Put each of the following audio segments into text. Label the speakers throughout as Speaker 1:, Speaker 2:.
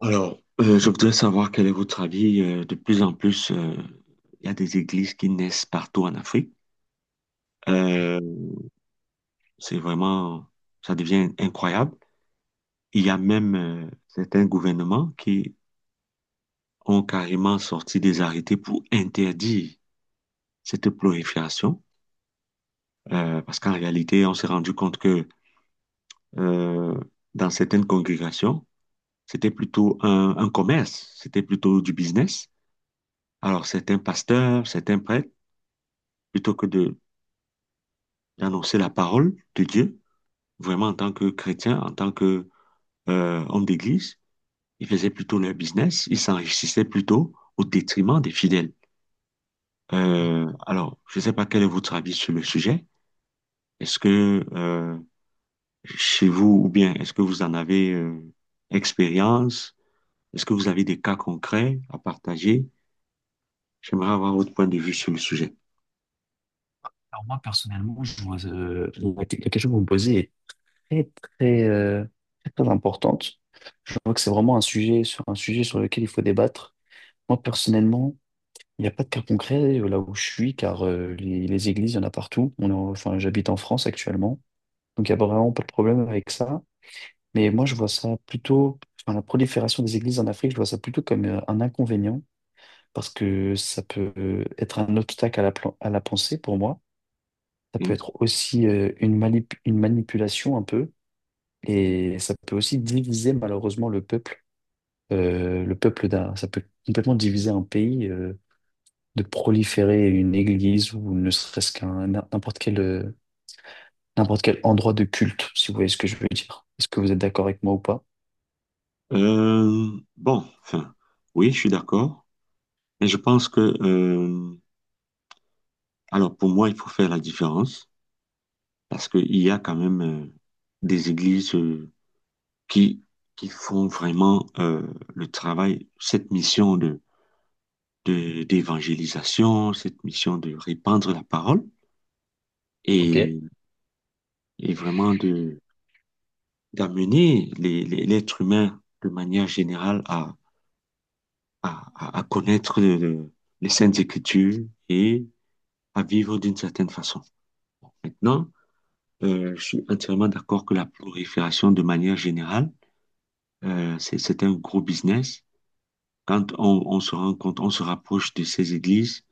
Speaker 1: Alors, je voudrais savoir quel est votre avis. De plus en plus, il y a des églises qui naissent partout en Afrique.
Speaker 2: Oui.
Speaker 1: Euh, c'est vraiment, ça devient incroyable. Il y a même certains gouvernements qui ont carrément sorti des arrêtés pour interdire cette prolifération, parce qu'en réalité, on s'est rendu compte que euh, dans certaines congrégations, c'était plutôt un commerce, c'était plutôt du business. Alors, certains pasteurs, certains prêtres, plutôt que de d'annoncer la parole de Dieu, vraiment en tant que chrétien, en tant que homme d'église. Ils faisaient plutôt leur business, ils s'enrichissaient plutôt au détriment des fidèles. Alors, je ne sais pas quel est votre avis sur le sujet. Est-ce que chez vous, ou bien est-ce que vous en avez expérience? Est-ce que vous avez des cas concrets à partager? J'aimerais avoir votre point de vue sur le sujet.
Speaker 2: Alors moi, personnellement, je vois, la question que vous me posez est très, très, très, très importante. Je vois que c'est vraiment un sujet sur lequel il faut débattre. Moi, personnellement, il n'y a pas de cas concret là où je suis, car les églises, il y en a partout. Enfin, j'habite en France actuellement, donc il n'y a vraiment pas de problème avec ça. Mais moi, je vois ça plutôt, enfin, la prolifération des églises en Afrique, je vois ça plutôt comme un inconvénient, parce que ça peut être un obstacle à à la pensée pour moi. Ça peut
Speaker 1: Hein?
Speaker 2: être aussi une manipulation un peu, et ça peut aussi diviser malheureusement le peuple, ça peut complètement diviser un pays, de proliférer une église ou ne serait-ce qu'un n'importe quel endroit de culte, si vous voyez ce que je veux dire. Est-ce que vous êtes d'accord avec moi ou pas?
Speaker 1: Bon, enfin, oui, je suis d'accord, mais je pense que alors pour moi, il faut faire la différence parce qu'il y a quand même des églises qui, qui font vraiment le travail, cette mission d'évangélisation, cette mission de répandre la parole
Speaker 2: Ok.
Speaker 1: et, et vraiment de, d'amener l'être humain de manière générale à, à connaître les Saintes Écritures et à vivre d'une certaine façon. Maintenant, je suis entièrement d'accord que la prolifération de manière générale c'est un gros business. Quand on se rend compte, on se rapproche de ces églises,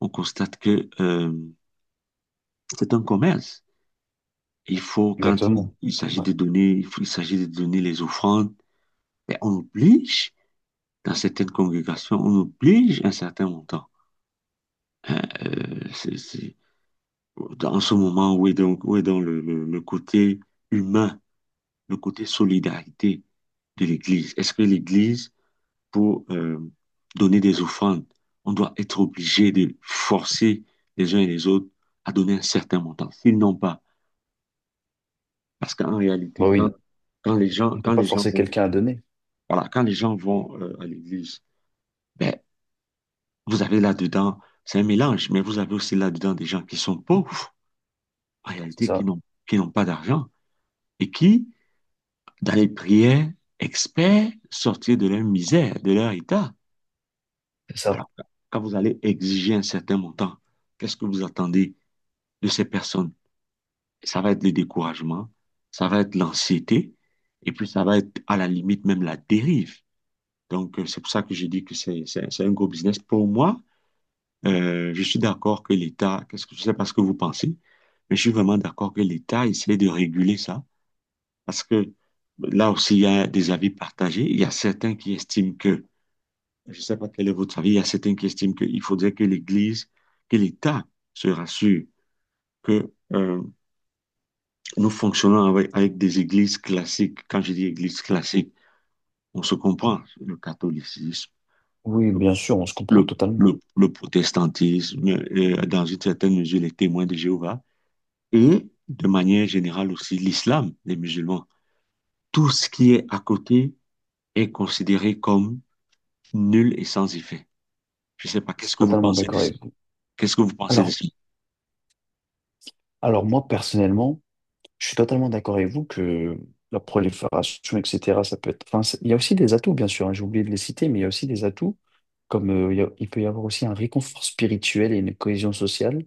Speaker 1: on constate que c'est un commerce. Il faut, quand
Speaker 2: Exactement.
Speaker 1: il s'agit
Speaker 2: Ouais.
Speaker 1: de donner, il s'agit de donner les offrandes, ben, on oblige, dans certaines congrégations, on oblige un certain montant. Hein, dans ce moment où est donc le, le côté humain, le côté solidarité de l'Église? Est-ce que l'Église pour donner des offrandes. On doit être obligé de forcer les uns et les autres à donner un certain montant. S'ils n'ont pas, parce qu'en
Speaker 2: Bah
Speaker 1: réalité,
Speaker 2: oui, non. On ne peut
Speaker 1: quand
Speaker 2: pas
Speaker 1: les gens
Speaker 2: forcer
Speaker 1: vont,
Speaker 2: quelqu'un à donner.
Speaker 1: voilà, quand les gens vont à l'église, ben, vous avez là-dedans, c'est un mélange, mais vous avez aussi là-dedans des gens qui sont pauvres, en
Speaker 2: C'est
Speaker 1: réalité,
Speaker 2: ça.
Speaker 1: qui n'ont pas d'argent et qui, dans les prières, experts sortir de leur misère, de leur état.
Speaker 2: C'est ça.
Speaker 1: Alors, quand vous allez exiger un certain montant, qu'est-ce que vous attendez de ces personnes, ça va être le découragement, ça va être l'anxiété, et puis ça va être à la limite même la dérive. Donc, c'est pour ça que je dis que c'est un gros business. Pour moi, je suis d'accord que l'État, qu'est-ce que je sais pas ce que vous pensez, mais je suis vraiment d'accord que l'État essaie de réguler ça, parce que là aussi, il y a des avis partagés. Il y a certains qui estiment que, je ne sais pas quel est votre avis, il y a certains qui estiment qu'il faudrait que l'Église, que l'État se rassure que nous fonctionnons avec, avec des églises classiques. Quand je dis église classique, on se comprend. Le catholicisme,
Speaker 2: Oui, bien sûr, on se comprend totalement.
Speaker 1: le protestantisme, dans une certaine mesure, les témoins de Jéhovah, et de manière générale aussi l'islam des musulmans. Tout ce qui est à côté est considéré comme nul et sans effet. Je ne sais pas,
Speaker 2: Je
Speaker 1: qu'est-ce
Speaker 2: suis
Speaker 1: que vous
Speaker 2: totalement
Speaker 1: pensez de
Speaker 2: d'accord
Speaker 1: ça?
Speaker 2: avec vous.
Speaker 1: Qu'est-ce que vous pensez de
Speaker 2: Alors,
Speaker 1: ça?
Speaker 2: alors, moi, personnellement, je suis totalement d'accord avec vous que la prolifération, etc., ça peut être. Enfin, il y a aussi des atouts, bien sûr, hein, j'ai oublié de les citer, mais il y a aussi des atouts, comme il peut y avoir aussi un réconfort spirituel et une cohésion sociale.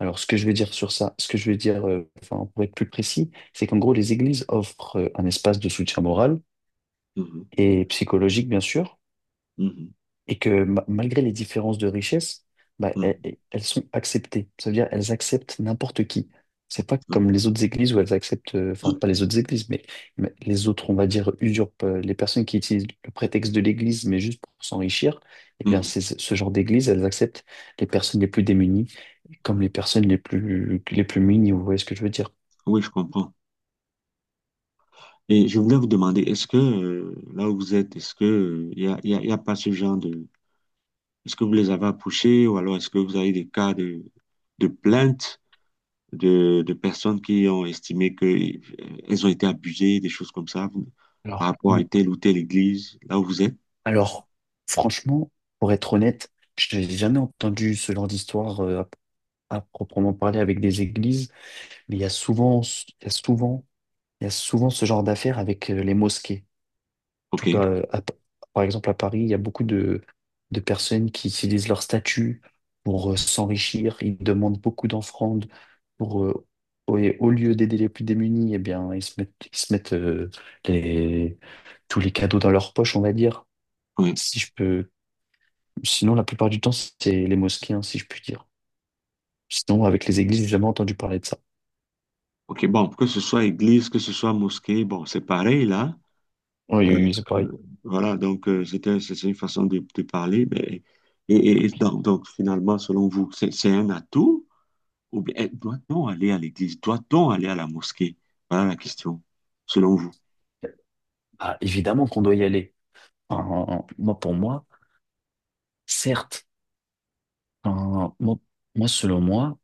Speaker 2: Alors, ce que je veux dire sur ça, ce que je veux dire, enfin, pour être plus précis, c'est qu'en gros, les églises offrent un espace de soutien moral
Speaker 1: Mhm,
Speaker 2: et psychologique, bien sûr,
Speaker 1: mhm,
Speaker 2: et que malgré les différences de richesse, bah, elles sont acceptées. Ça veut dire elles acceptent n'importe qui. C'est pas comme
Speaker 1: mhm,
Speaker 2: les autres églises où elles acceptent, enfin pas les autres églises, mais les autres, on va dire, usurpent les personnes qui utilisent le prétexte de l'église, mais juste pour s'enrichir. Eh
Speaker 1: mhm,
Speaker 2: bien,
Speaker 1: mhm,
Speaker 2: c'est ce genre d'église, elles acceptent les personnes les plus démunies comme
Speaker 1: mhm.
Speaker 2: les personnes les plus munies. Vous voyez ce que je veux dire?
Speaker 1: Oui, je comprends. Et je voulais vous demander, est-ce que là où vous êtes, est-ce que il y a, y a pas ce genre de... Est-ce que vous les avez approchés ou alors est-ce que vous avez des cas de plaintes de personnes qui ont estimé que elles ont été abusées, des choses comme ça, vous- par
Speaker 2: Alors.
Speaker 1: rapport
Speaker 2: Mm.
Speaker 1: à telle ou telle église, là où vous êtes?
Speaker 2: Alors, franchement, pour être honnête, je n'ai jamais entendu ce genre d'histoire à proprement parler avec des églises, mais il y a souvent ce genre d'affaires avec les mosquées. En tout cas,
Speaker 1: OK,
Speaker 2: par exemple, à Paris, il y a beaucoup de personnes qui utilisent leur statut pour s'enrichir. Ils demandent beaucoup d'offrandes pour, au et au lieu d'aider les plus démunis, eh bien, ils se mettent les, tous les cadeaux dans leur poche, on va dire.
Speaker 1: oui.
Speaker 2: Si je peux, Sinon, la plupart du temps, c'est les mosquées, hein, si je puis dire. Sinon, avec les églises, j'ai jamais entendu parler de ça.
Speaker 1: OK, bon, que ce soit église, que ce soit mosquée, bon, c'est pareil là.
Speaker 2: Oui,
Speaker 1: Euh,
Speaker 2: oui, oui, c'est pareil.
Speaker 1: voilà, donc c'était, c'est une façon de parler. Mais, donc, finalement, selon vous, c'est un atout? Ou bien, eh, doit-on aller à l'église? Doit-on aller à la mosquée? Voilà la question, selon vous.
Speaker 2: Ah, évidemment qu'on doit y aller. Enfin, moi, pour moi, certes, enfin, moi, selon moi,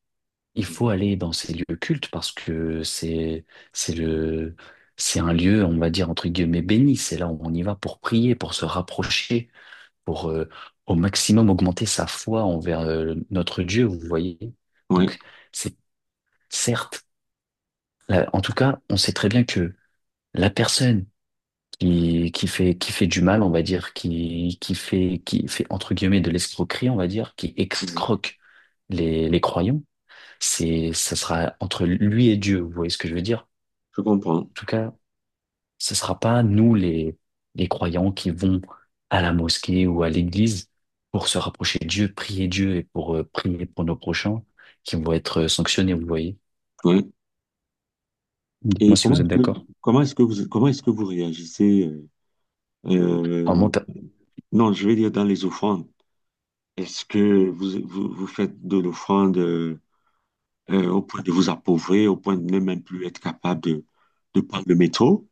Speaker 2: il faut
Speaker 1: Mhm.
Speaker 2: aller dans ces lieux cultes parce que c'est le, c'est un lieu, on va dire, entre guillemets, béni. C'est là où on y va pour prier, pour se rapprocher, pour au maximum augmenter sa foi envers notre Dieu, vous voyez.
Speaker 1: Oui,
Speaker 2: Donc, c'est certes, là, en tout cas, on sait très bien que la personne qui fait du mal, on va dire, qui fait entre guillemets de l'escroquerie, on va dire, qui
Speaker 1: oui,
Speaker 2: excroque les croyants, ça sera entre lui et Dieu, vous voyez ce que je veux dire?
Speaker 1: je comprends.
Speaker 2: En tout cas, ce sera pas nous les croyants qui vont à la mosquée ou à l'église pour se rapprocher de Dieu, prier Dieu et pour prier pour nos prochains qui vont être sanctionnés, vous voyez?
Speaker 1: Oui. Et
Speaker 2: Dites-moi si vous êtes d'accord.
Speaker 1: comment est-ce que vous, comment est-ce que vous réagissez?
Speaker 2: Enfin, moi,
Speaker 1: Euh,
Speaker 2: per-
Speaker 1: non, je vais dire dans les offrandes. Est-ce que vous faites de l'offrande au point de vous appauvrir, au point de ne même plus être capable de prendre le métro?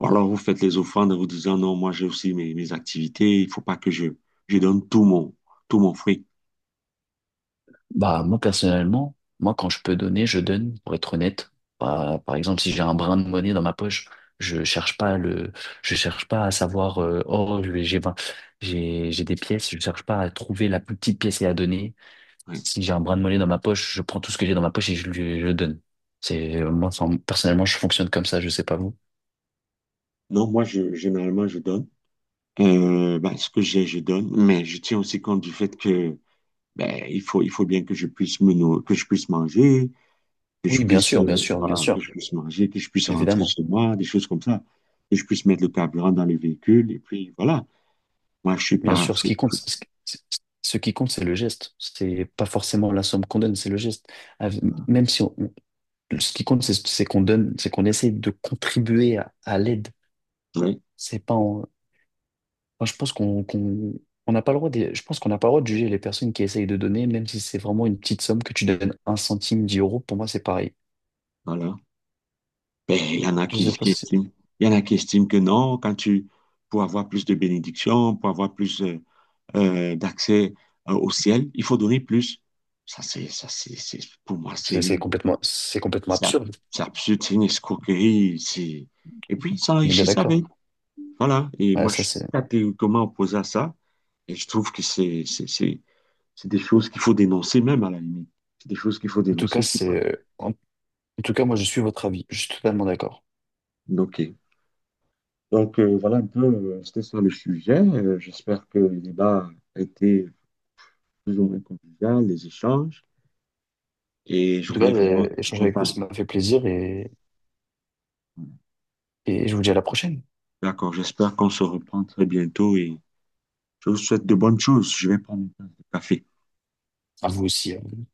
Speaker 1: Ou alors vous faites les offrandes en vous disant non, moi j'ai aussi mes, mes activités, il faut pas que je donne tout mon fruit.
Speaker 2: Bah, moi, personnellement, moi, quand je peux donner, je donne, pour être honnête. Bah, par exemple, si j'ai un brin de monnaie dans ma poche, je cherche pas le, je cherche pas à savoir, oh, j'ai vingt- j'ai des pièces, je cherche pas à trouver la plus petite pièce et à donner.
Speaker 1: Oui.
Speaker 2: Si j'ai un brin de monnaie dans ma poche, je prends tout ce que j'ai dans ma poche et je le donne. Moi, enfin, personnellement, je fonctionne comme ça, je sais pas vous.
Speaker 1: Non, moi, je, généralement, je donne. Ben, ce que j'ai, je donne. Mais je tiens aussi compte du fait que ben, il faut bien que je puisse me, que je puisse manger, que je
Speaker 2: Oui, bien
Speaker 1: puisse,
Speaker 2: sûr, bien sûr, bien
Speaker 1: voilà, que
Speaker 2: sûr,
Speaker 1: je puisse manger, que je puisse rentrer
Speaker 2: évidemment.
Speaker 1: chez moi, des choses comme ça. Que je puisse mettre le carburant dans le véhicule. Et puis, voilà. Moi,
Speaker 2: Bien sûr, ce
Speaker 1: je
Speaker 2: qui
Speaker 1: suis
Speaker 2: comptece- c'est le geste. C'est pas forcément la somme qu'on donne, c'est le geste. Av-
Speaker 1: pas-
Speaker 2: Même si on, ce qui compte, c'est qu'on donne, c'est qu'on essaie de contribuer à l'aide.
Speaker 1: ouais,
Speaker 2: C'est pas en- enfin, je pense on n'a pas le droit de, je pense qu'on n'a pas le droit de juger les personnes qui essayent de donner, même si c'est vraiment une petite somme que tu donnes 1 centime, 10 euros, pour moi, c'est pareil.
Speaker 1: voilà. Ben, il y en a
Speaker 2: Je sais pas
Speaker 1: qui
Speaker 2: si-
Speaker 1: estiment, il y en a qui estiment que non, quand tu, pour avoir plus de bénédictions, pour avoir plus, d'accès au ciel. Il faut donner plus. C'est- pour moi,
Speaker 2: c'est complètement
Speaker 1: c'est ab-
Speaker 2: absurde.
Speaker 1: c'est absurde, c'est une escroquerie. C'est- Et puis, ils
Speaker 2: On est bien
Speaker 1: s'enrichissent
Speaker 2: d'accord.
Speaker 1: avec. Voilà. Et
Speaker 2: Ouais,
Speaker 1: moi, je
Speaker 2: ça,
Speaker 1: suis
Speaker 2: c'est,
Speaker 1: catégoriquement opposé à ça. Et je trouve que c'est des choses qu'il faut dénoncer, même à la limite. C'est des choses qu'il faut
Speaker 2: En tout cas,
Speaker 1: dénoncer. C'est pas...
Speaker 2: c'est, en, en tout cas, moi, je suis votre avis. Je suis totalement d'accord.
Speaker 1: OK. Donc, voilà un peu, c'était ça le sujet. J'espère que le débat a été plus ou moins convivial, les échanges. Et je
Speaker 2: En tout cas,
Speaker 1: voulais vraiment
Speaker 2: l'échange
Speaker 1: qu'on
Speaker 2: avec vous,
Speaker 1: parle.
Speaker 2: ça m'a fait plaisir et je vous dis à la prochaine.
Speaker 1: D'accord, j'espère qu'on se reprend très bientôt et je vous souhaite de bonnes choses. Je vais prendre une tasse de café.
Speaker 2: À vous aussi. Hein.